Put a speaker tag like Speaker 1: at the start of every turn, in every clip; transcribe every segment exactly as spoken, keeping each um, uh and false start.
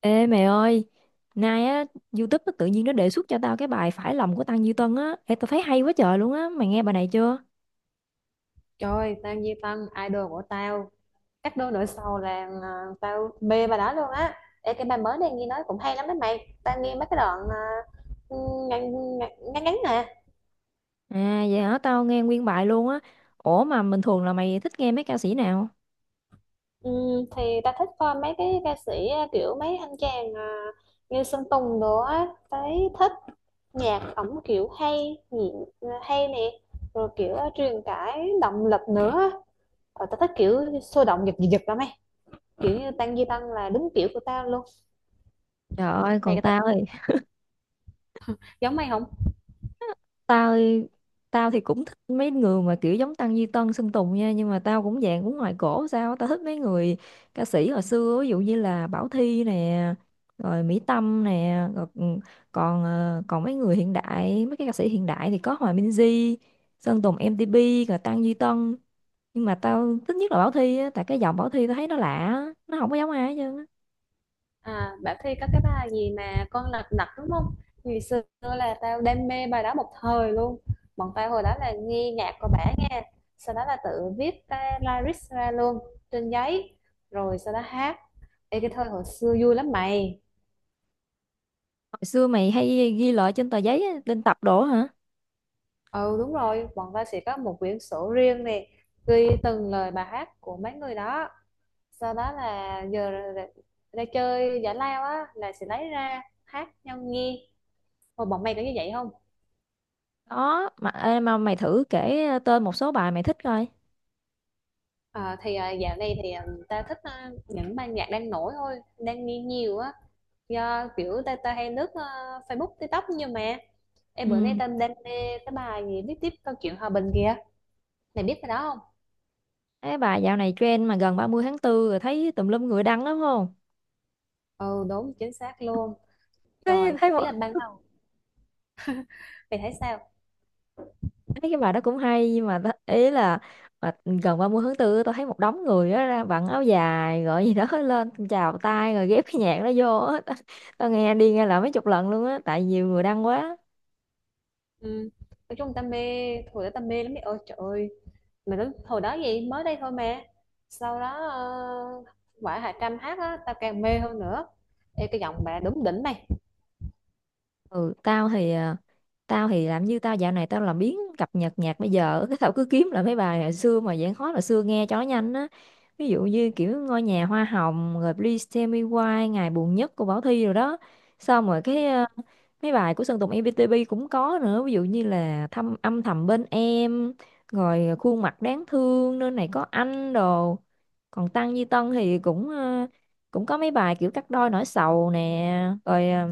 Speaker 1: Ê mày ơi, nay á, YouTube nó tự nhiên nó đề xuất cho tao cái bài Phải lòng của Tăng Duy Tân á. Ê, tao thấy hay quá trời luôn á, mày nghe bài này chưa?
Speaker 2: Trời ơi, tao Duy Tân, idol của tao. Cách đôi nửa sau là à, tao mê bà đó luôn á. Ê, cái bài mới này nghe nói cũng hay lắm đấy mày. Tao nghe mấy cái đoạn à, ngắn, ngắn, ngắn ngắn nè.
Speaker 1: À, vậy hả, tao nghe nguyên bài luôn á. Ủa mà bình thường là mày thích nghe mấy ca sĩ nào?
Speaker 2: Ừ, thì tao thích coi mấy cái ca sĩ à, kiểu mấy anh chàng à, như Sơn Tùng đồ á. Tao thấy thích nhạc ổng kiểu hay, nhị- hay nè. Rồi kiểu à, truyền tải động lực nữa. Ờ, tao thích kiểu sôi động giật giật giật lắm ấy. Kiểu như Tăng Duy Tân là đúng kiểu của tao luôn.
Speaker 1: Trời ơi,
Speaker 2: Mày
Speaker 1: còn
Speaker 2: có thích
Speaker 1: tao thì
Speaker 2: giống mày không?
Speaker 1: tao tao thì cũng thích mấy người mà kiểu giống Tăng Duy Tân Sơn Tùng nha nhưng mà tao cũng dạng cũng ngoài cổ sao á. Tao thích mấy người ca sĩ hồi xưa ví dụ như là Bảo Thy nè rồi Mỹ Tâm nè rồi còn còn ờ, còn mấy người hiện đại mấy cái ca sĩ hiện đại thì có Hòa Minzy Sơn Tùng em tê pê rồi Tăng Duy Tân nhưng mà tao thích nhất là Bảo Thy á tại cái giọng Bảo Thy tao thấy nó lạ á, nó không có giống ai hết trơn á.
Speaker 2: À, Bảo Thy có cái bài gì mà con lật đật đúng không? Ngày xưa là tao đam mê bài đó một thời luôn. Bọn tao hồi đó là nghe nhạc của bả nghe. Sau đó là tự viết cái lyrics ra luôn trên giấy. Rồi sau đó hát. Ê, cái thời hồi xưa vui lắm mày.
Speaker 1: Hồi xưa mày hay ghi lại trên tờ giấy á, lên tập đồ á hả?
Speaker 2: Ừ đúng rồi, bọn tao sẽ có một quyển sổ riêng nè. Ghi từng lời bài hát của mấy người đó. Sau đó là giờ ra, ra chơi giải lao á là sẽ lấy ra hát nhau nghe. Hồi bọn mày có như vậy không?
Speaker 1: Đó mà ê, mà mày thử kể tên một số bài mày thích coi.
Speaker 2: Ờ, thì à, dạo này thì à, ta thích à, những ban nhạc đang nổi thôi đang nghe nhiều á, do kiểu ta ta hay lướt à, Facebook, TikTok. Nhưng mà em, bữa nay
Speaker 1: Ừ.
Speaker 2: ta đang nghe cái bài gì viết tiếp câu chuyện hòa bình kìa, mày biết cái đó không?
Speaker 1: Cái bài dạo này trend mà gần ba mươi tháng tư rồi thấy tùm lum người đăng lắm không?
Speaker 2: Ừ đúng chính xác luôn.
Speaker 1: thấy
Speaker 2: Trời,
Speaker 1: thấy
Speaker 2: ý
Speaker 1: một,
Speaker 2: là ban đầu mày thấy sao?
Speaker 1: thấy cái bài đó cũng hay nhưng mà ta- ý là mà gần ba mươi tháng tư tôi thấy một đống người đó ra vặn áo dài gọi gì đó lên chào tay rồi ghép cái nhạc đó vô á. tao, tao nghe đi nghe lại mấy chục lần luôn á tại nhiều người đăng quá.
Speaker 2: Ừ. Nói chung ta mê, hồi đó ta mê lắm mày ơi, trời ơi. Mà lúc hồi đó gì mới đây thôi mà, sau đó uh, quả Hà Trâm hát á tao càng mê hơn nữa. Ê, cái giọng bà đúng đỉnh mày.
Speaker 1: Ừ, tao thì à, tao thì làm như tao dạo này tao làm biếng cập nhật nhạc bây giờ cái tao cứ kiếm lại mấy bài hồi xưa mà dạng khó là xưa nghe cho nó nhanh á, ví dụ như kiểu ngôi nhà hoa hồng rồi Please Tell Me Why ngày buồn nhất của Bảo Thy rồi đó. Xong rồi cái à, mấy bài của Sơn Tùng i pi ti pi cũng có nữa ví dụ như là thăm âm thầm bên em rồi khuôn mặt đáng thương nơi này có anh đồ. Còn Tăng Duy Tân thì cũng à, cũng có mấy bài kiểu cắt đôi nỗi sầu nè rồi ờ,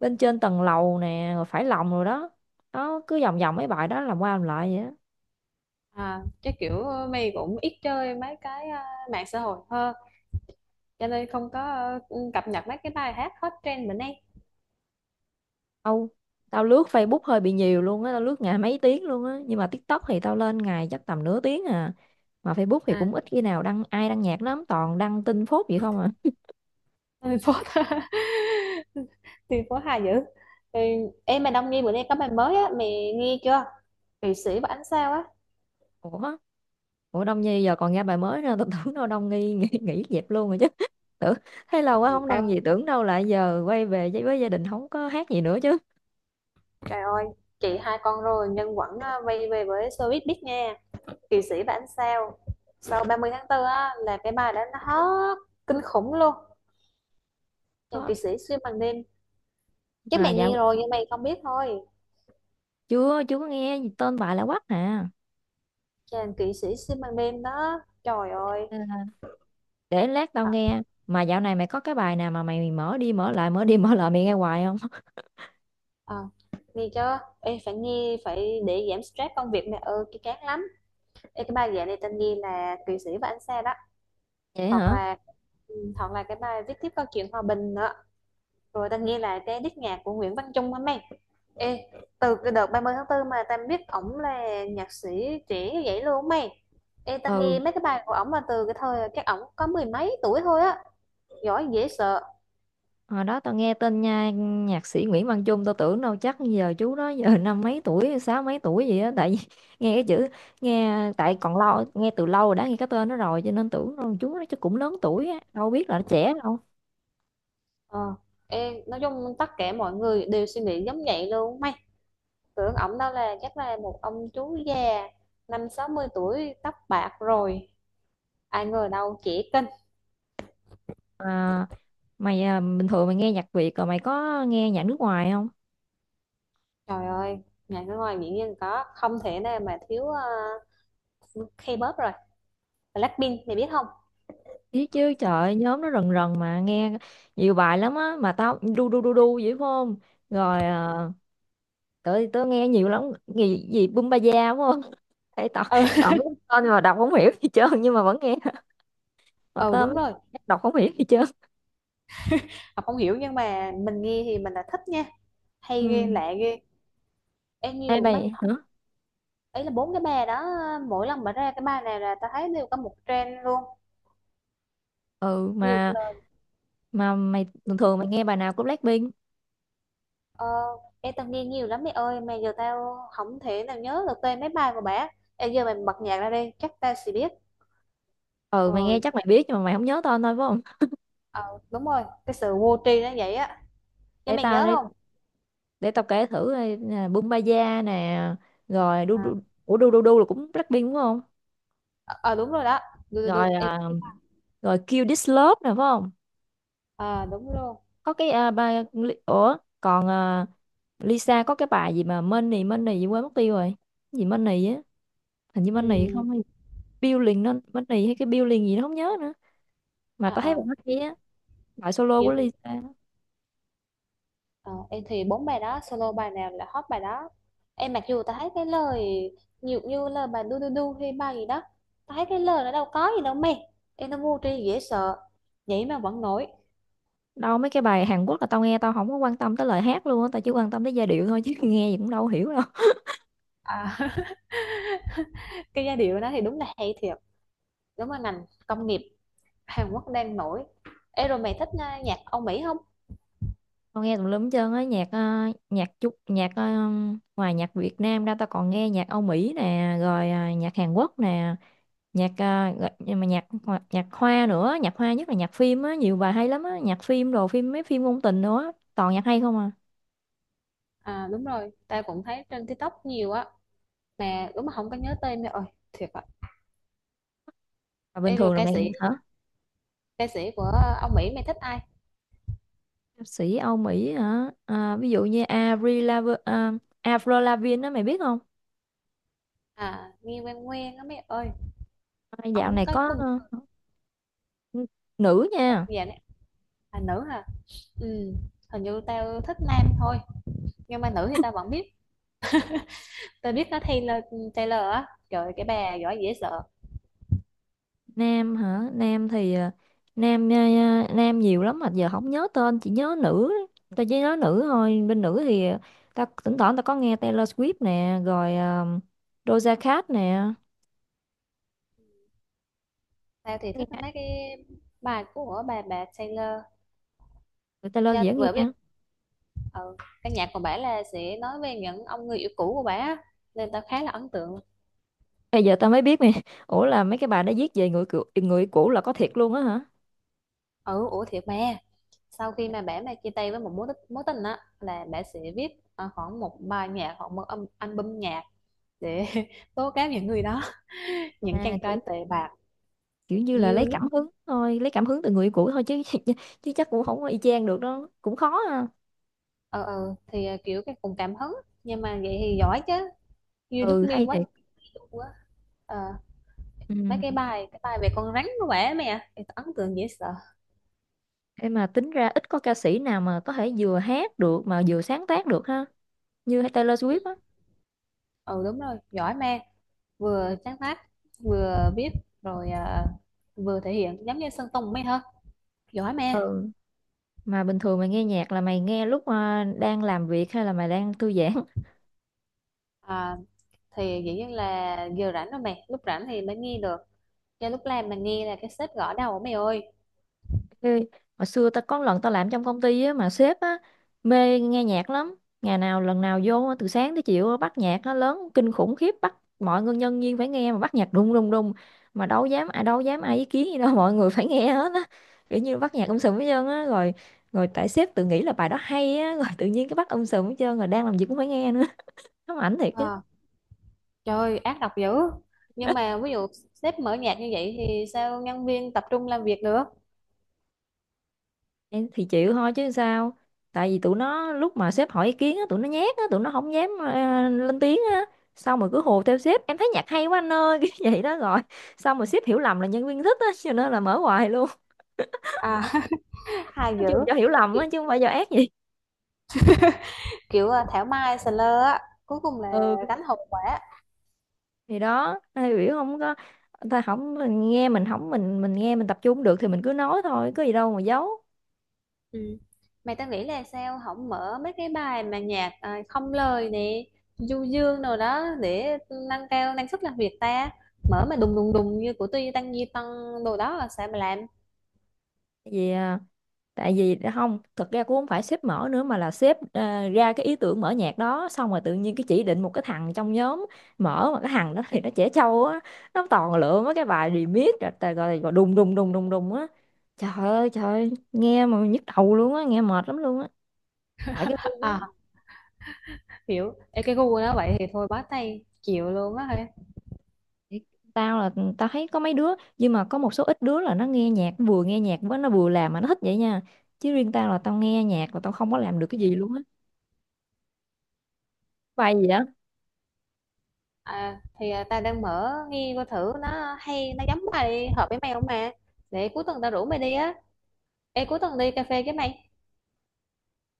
Speaker 1: bên trên tầng lầu nè rồi phải lòng rồi đó, nó cứ vòng vòng mấy bài đó làm qua làm lại vậy đó.
Speaker 2: À, chắc kiểu ờ, mày cũng ít chơi mấy cái ờ, mạng xã hội hơn cho nên không có ờ, cập nhật mấy cái bài hát hot trend bữa nay.
Speaker 1: Âu, tao lướt Facebook hơi bị nhiều luôn á, tao lướt ngày mấy tiếng luôn á nhưng mà TikTok thì tao lên ngày chắc tầm nửa tiếng à, mà Facebook thì
Speaker 2: À
Speaker 1: cũng ít khi nào đăng ai đăng nhạc lắm toàn đăng tin phốt vậy không à.
Speaker 2: thành phố thành phố Hà dữ. Ừ, em mà Đông Nghi bữa nay có bài mới á mày nghe chưa? Kỵ sĩ và ánh sao á.
Speaker 1: Ủa ủa Đông Nhi giờ còn ra bài mới nữa, tao tưởng đâu Đông Nhi nghỉ, nghỉ dẹp luôn rồi chứ tưởng thấy lâu quá
Speaker 2: Trời
Speaker 1: không
Speaker 2: ơi,
Speaker 1: đăng gì tưởng đâu lại giờ quay về với, với gia đình không có hát gì nữa chứ.
Speaker 2: trời ơi, chị hai con rồi nhưng vẫn ờ, quay về với showbiz biết nha. Kỵ sĩ và ánh sao sau ba mươi tháng tư á là cái bài đó nó hot kinh khủng luôn. Chàng
Speaker 1: Có
Speaker 2: kỵ sĩ xuyên bằng đêm, chứ
Speaker 1: mà
Speaker 2: mày
Speaker 1: dạo
Speaker 2: nghe rồi nhưng mày không biết thôi.
Speaker 1: chưa chưa có nghe gì tên bài là quắc à.
Speaker 2: Chàng kỵ sĩ xuyên ban đêm đó, trời ơi.
Speaker 1: Để lát tao
Speaker 2: à,
Speaker 1: nghe mà dạo này mày có cái bài nào mà mày mở đi mở lại mở đi mở lại mày nghe hoài không
Speaker 2: à, Nghe chưa, em phải nghe, phải để giảm stress công việc, mẹ ơi cái chán lắm. Ê, cái bài dạy này tên nghe là kỵ sĩ và anh xe đó.
Speaker 1: vậy
Speaker 2: Hoặc
Speaker 1: hả.
Speaker 2: là, ừ, hoặc là cái bài viết tiếp câu chuyện hòa bình nữa, rồi tên nghe là cái đít nhạc của Nguyễn Văn Trung hả mày. Ê, từ cái đợt ba mươi tháng tư mà tao biết ổng là nhạc sĩ trẻ như vậy luôn mày. Ê, tao nghe
Speaker 1: Ừ,
Speaker 2: mấy cái bài của ổng mà từ cái thời các ổng có mười mấy tuổi thôi á, giỏi dễ sợ.
Speaker 1: hồi đó tao nghe tên nha nhạc sĩ Nguyễn Văn Chung tao tưởng đâu chắc giờ chú đó giờ năm mấy tuổi sáu mấy tuổi gì á tại vì nghe cái chữ nghe tại còn lâu nghe từ lâu rồi đã nghe cái tên nó rồi cho nên tưởng đâu chú nó chắc cũng lớn tuổi á đâu biết là nó trẻ đâu.
Speaker 2: Ờ, em nói chung tất cả mọi người đều suy nghĩ giống vậy luôn mày, tưởng ổng đó là chắc là một ông chú già năm sáu mươi tuổi tóc bạc rồi, ai ngờ đâu trẻ kinh.
Speaker 1: À, mày à, bình thường mày nghe nhạc Việt rồi mày có nghe nhạc nước ngoài không?
Speaker 2: Trời ơi, nhà cái ngoài biển nhiên có không thể nào mà thiếu uh, K-pop rồi Blackpink, mày biết không?
Speaker 1: Biết chứ trời ơi, nhóm nó rần rần mà nghe nhiều bài lắm á mà tao đu đu đu đu vậy phải không, rồi uh, tớ tớ nghe nhiều lắm gì gì bum ba da đúng không Ê, tao
Speaker 2: Ừ.
Speaker 1: tao biết tên mà đọc không hiểu gì trơn nhưng mà vẫn nghe, mà
Speaker 2: Ừ
Speaker 1: tao
Speaker 2: đúng
Speaker 1: mới
Speaker 2: rồi,
Speaker 1: đọc không hiểu gì trơn.
Speaker 2: Ngọc không hiểu nhưng mà mình nghe thì mình là thích nha,
Speaker 1: Ừ.
Speaker 2: hay ghê lạ ghê. Em
Speaker 1: Ê
Speaker 2: nhiều mấy
Speaker 1: mày hả?
Speaker 2: ấy là bốn cái bài đó, mỗi lần mà ra cái bài này là ta thấy đều có một trend luôn,
Speaker 1: Ừ,
Speaker 2: nhiều.
Speaker 1: mà mà mày thường thường mày nghe bài nào của Blackpink?
Speaker 2: Ờ, em tao nghe nhiều lắm mẹ ơi mà giờ tao không thể nào nhớ được tên mấy bài của bà. Em giờ mày bật nhạc ra đi chắc tao sẽ biết.
Speaker 1: Ừ mày
Speaker 2: Ờ,
Speaker 1: nghe chắc mày biết nhưng mà mày không nhớ tên thôi phải không?
Speaker 2: ờ đúng rồi, cái sự vô tri nó vậy á. Nhưng
Speaker 1: để
Speaker 2: mày
Speaker 1: tao
Speaker 2: nhớ
Speaker 1: để
Speaker 2: không?
Speaker 1: để tao kể thử đây nè, bum ba da nè, rồi đu đu,
Speaker 2: à,
Speaker 1: ủa đu đu đu là cũng Blackpink đúng không?
Speaker 2: ờ ờ, đúng rồi đó. Đu, đu, đu.
Speaker 1: rồi
Speaker 2: Em,
Speaker 1: rồi Kill This Love nè phải không?
Speaker 2: à, đúng luôn.
Speaker 1: Có cái à, bài, ủa còn à, Lisa có cái bài gì mà Money Money gì quên mất tiêu rồi. Cái gì Money á, hình như Money
Speaker 2: Ừ,
Speaker 1: không hay Building nó Money hay cái Building gì nó không nhớ nữa mà tao
Speaker 2: à,
Speaker 1: thấy
Speaker 2: à,
Speaker 1: bài hát hay
Speaker 2: kiểu,
Speaker 1: á, bài solo của
Speaker 2: kiểu cũng
Speaker 1: Lisa.
Speaker 2: ờ, em thì bốn bài đó solo bài nào là hot bài đó. Em mặc dù tao thấy cái lời nhiều như là bài đu đu đu hay bài gì đó, tao thấy cái lời nó đâu có gì đâu mày, em nó vô tri dễ sợ, vậy mà vẫn nổi.
Speaker 1: Đâu mấy cái bài Hàn Quốc là tao nghe tao không có quan tâm tới lời hát luôn á, tao chỉ quan tâm tới giai điệu thôi chứ nghe gì cũng đâu hiểu đâu.
Speaker 2: À cái giai điệu đó thì đúng là hay thiệt, đúng là ngành công nghiệp Hàn Quốc đang nổi. Ê rồi mày thích à, nhạc Âu Mỹ không?
Speaker 1: Tao nghe tùm lum hết trơn á nhạc ờ, nhạc chút nhạc ờ, ngoài nhạc Việt Nam ra tao còn nghe nhạc Âu Mỹ nè rồi ờ, nhạc Hàn Quốc nè, nhạc à, gọi- nhưng mà nhạc hoa- nhạc hoa nữa, nhạc hoa nhất là nhạc phim á, nhiều bài hay lắm á, nhạc phim đồ phim mấy phim ngôn tình nữa toàn nhạc hay không à.
Speaker 2: À đúng rồi tao cũng thấy trên TikTok nhiều á, mà đúng mà không có nhớ tên mày ơi, thiệt ạ.
Speaker 1: Mà bình
Speaker 2: Ê rồi
Speaker 1: thường là
Speaker 2: ca
Speaker 1: mày
Speaker 2: sĩ
Speaker 1: hả?
Speaker 2: Ca sĩ của Âu Mỹ mày thích ai?
Speaker 1: Ca sĩ Âu Mỹ hả? À, ví dụ như Avril Lav à, Avril Lavigne đó mày biết không?
Speaker 2: À Nghi Quan Nguyên á mày ơi,
Speaker 1: À, dạo
Speaker 2: ổng
Speaker 1: này
Speaker 2: có
Speaker 1: có
Speaker 2: cung
Speaker 1: ờ, n- nữ
Speaker 2: sao
Speaker 1: nha.
Speaker 2: vậy nè? À nữ hả? Ừ, hình như tao thích nam thôi, nhưng mà nữ thì tao vẫn biết. Tao biết nó Taylor Taylor á, trời ơi, cái bà giỏi dễ sợ.
Speaker 1: Nam hả nam thì ờ, nam ờ, nam nhiều lắm mà giờ không nhớ tên chỉ nhớ nữ, tao chỉ nhớ nữ thôi, bên nữ thì ta tao thỉnh thoảng tao có nghe Taylor Swift nè rồi ờ, Doja Cat nè,
Speaker 2: Tao thì thích
Speaker 1: nghe
Speaker 2: mấy cái bài của bà bà Taylor.
Speaker 1: người ta lo
Speaker 2: Dạ,
Speaker 1: dễ nghe.
Speaker 2: bởi vì, ừ, căn nhà của bả là sẽ nói về những ông người yêu cũ của bả, nên tao khá là ấn tượng.
Speaker 1: Bây giờ tao mới biết nè ủa là mấy cái bài đó viết về người cũ, người cũ là có thiệt luôn á hả?
Speaker 2: Ừ, ủa thiệt mà, sau khi mà bả mà chia tay với một mối tích- mối tình á là bả sẽ viết ờ, khoảng một bài nhạc hoặc một âm album nhạc để tố cáo những người đó, những
Speaker 1: À,
Speaker 2: chàng
Speaker 1: kiểu
Speaker 2: trai tệ bạc.
Speaker 1: kiểu như là
Speaker 2: You
Speaker 1: lấy
Speaker 2: look
Speaker 1: cảm hứng thôi, lấy cảm hứng từ người cũ thôi chứ chứ chắc cũng không có y chang được đó cũng khó ha.
Speaker 2: ờ ờ thì ờ, kiểu cái cùng cảm hứng, nhưng mà vậy thì giỏi chứ. You look
Speaker 1: Ừ
Speaker 2: me
Speaker 1: hay
Speaker 2: what you
Speaker 1: thiệt.
Speaker 2: do á. Ờ, mấy
Speaker 1: Ừ.
Speaker 2: cái bài cái bài về con rắn của bả mày à, thì tao ấn tượng dễ sợ.
Speaker 1: Thế mà tính ra ít có ca sĩ nào mà có thể vừa hát được mà vừa sáng tác được ha, như Taylor Swift á.
Speaker 2: Ừ đúng rồi giỏi ma, vừa sáng tác vừa viết rồi à, vừa thể hiện giống như Sơn Tùng mấy hả, giỏi ma.
Speaker 1: Ừ, mà bình thường mày nghe nhạc là mày nghe lúc à, đang làm việc hay là mày đang thư giãn?
Speaker 2: à, thì dĩ nhiên là giờ rảnh rồi mày, lúc rảnh thì mới nghe được, cho lúc làm mà nghe là cái sếp gõ đầu mày ơi.
Speaker 1: Ê, hồi xưa ta có lần ta làm trong công ty á, mà sếp á, mê nghe nhạc lắm. Ngày nào lần nào vô á, từ sáng tới chiều á, bắt nhạc nó lớn kinh khủng khiếp bắt mọi người nhân viên phải nghe mà bắt nhạc đùng đùng đùng, mà đâu dám ai đâu dám ai ý kiến gì đâu mọi người phải nghe hết á, kiểu như bắt nhạc um sùm hết trơn á, rồi rồi tại sếp tự nghĩ là bài đó hay á rồi tự nhiên cái bắt um sùm hết trơn rồi đang làm gì cũng phải nghe nữa, nó ảnh thiệt chứ.
Speaker 2: à, Trời ơi, ác độc dữ. Nhưng mà ví dụ sếp mở nhạc như vậy thì sao nhân viên tập trung làm việc được?
Speaker 1: Em thì chịu thôi chứ sao, tại vì tụi nó lúc mà sếp hỏi ý kiến á, tụi nó nhát á, tụi nó không dám ờ, lên tiếng á, xong rồi cứ hùa theo sếp em thấy nhạc hay quá anh ơi cái vậy đó rồi, xong rồi sếp hiểu lầm là nhân viên thích á cho nên là mở hoài luôn
Speaker 2: À hay
Speaker 1: nói chung là
Speaker 2: dữ,
Speaker 1: do hiểu lầm á chứ không phải do ác gì.
Speaker 2: kiểu à, thảo mai sờ lơ á, cuối cùng là
Speaker 1: Ừ,
Speaker 2: gánh hậu quả.
Speaker 1: thì đó ai biểu không có, ta không mình nghe mình không mình mình nghe mình tập trung không được thì mình cứ nói thôi có gì đâu mà giấu.
Speaker 2: Ừ. Mày tao nghĩ là sao không mở mấy cái bài mà nhạc à, không lời nè, du dương rồi đó để nâng cao năng suất làm việc ta, mở mà đùng đùng đùng như của Tuy Tăng Di Tăng đồ đó là sao mà làm?
Speaker 1: Gì, tại vì đã không thật ra cũng không phải sếp mở nữa mà là sếp ờ, ra cái ý tưởng mở nhạc đó, xong rồi tự nhiên cái chỉ định một cái thằng trong nhóm mở mà cái thằng đó thì nó trẻ trâu á, nó toàn lựa mấy cái bài remix rồi rồi, rồi, rồi đùng đùng đùng đùng đùng á, trời ơi trời ơi, nghe mà nhức đầu luôn á nghe mệt lắm luôn á, tại cái gu của nó.
Speaker 2: À, hiểu. Ê, cái gu nó vậy thì thôi bó tay chịu luôn á hả?
Speaker 1: Thì tao là tao thấy có mấy đứa nhưng mà có một số ít đứa là nó nghe nhạc vừa nghe nhạc với nó vừa làm mà nó thích vậy nha, chứ riêng tao là tao nghe nhạc mà tao không có làm được cái gì luôn á, bài gì á.
Speaker 2: À, thì à, tao đang mở nghe coi thử nó hay nó giống bài hợp với mày không mà, để cuối tuần tao rủ mày đi á. Ê cuối tuần đi cà phê với mày.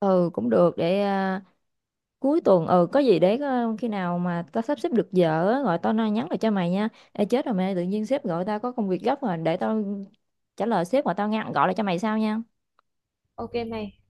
Speaker 1: Ừ cũng được để à, cuối tuần ừ có gì để ờ, khi nào mà tao sắp xếp được giờ á, gọi tao nói nhắn lại cho mày nha. Ê chết rồi mày tự nhiên sếp gọi tao có công việc gấp rồi để tao trả lời sếp mà tao ngăn gọi lại cho mày sau nha.
Speaker 2: Ok mày.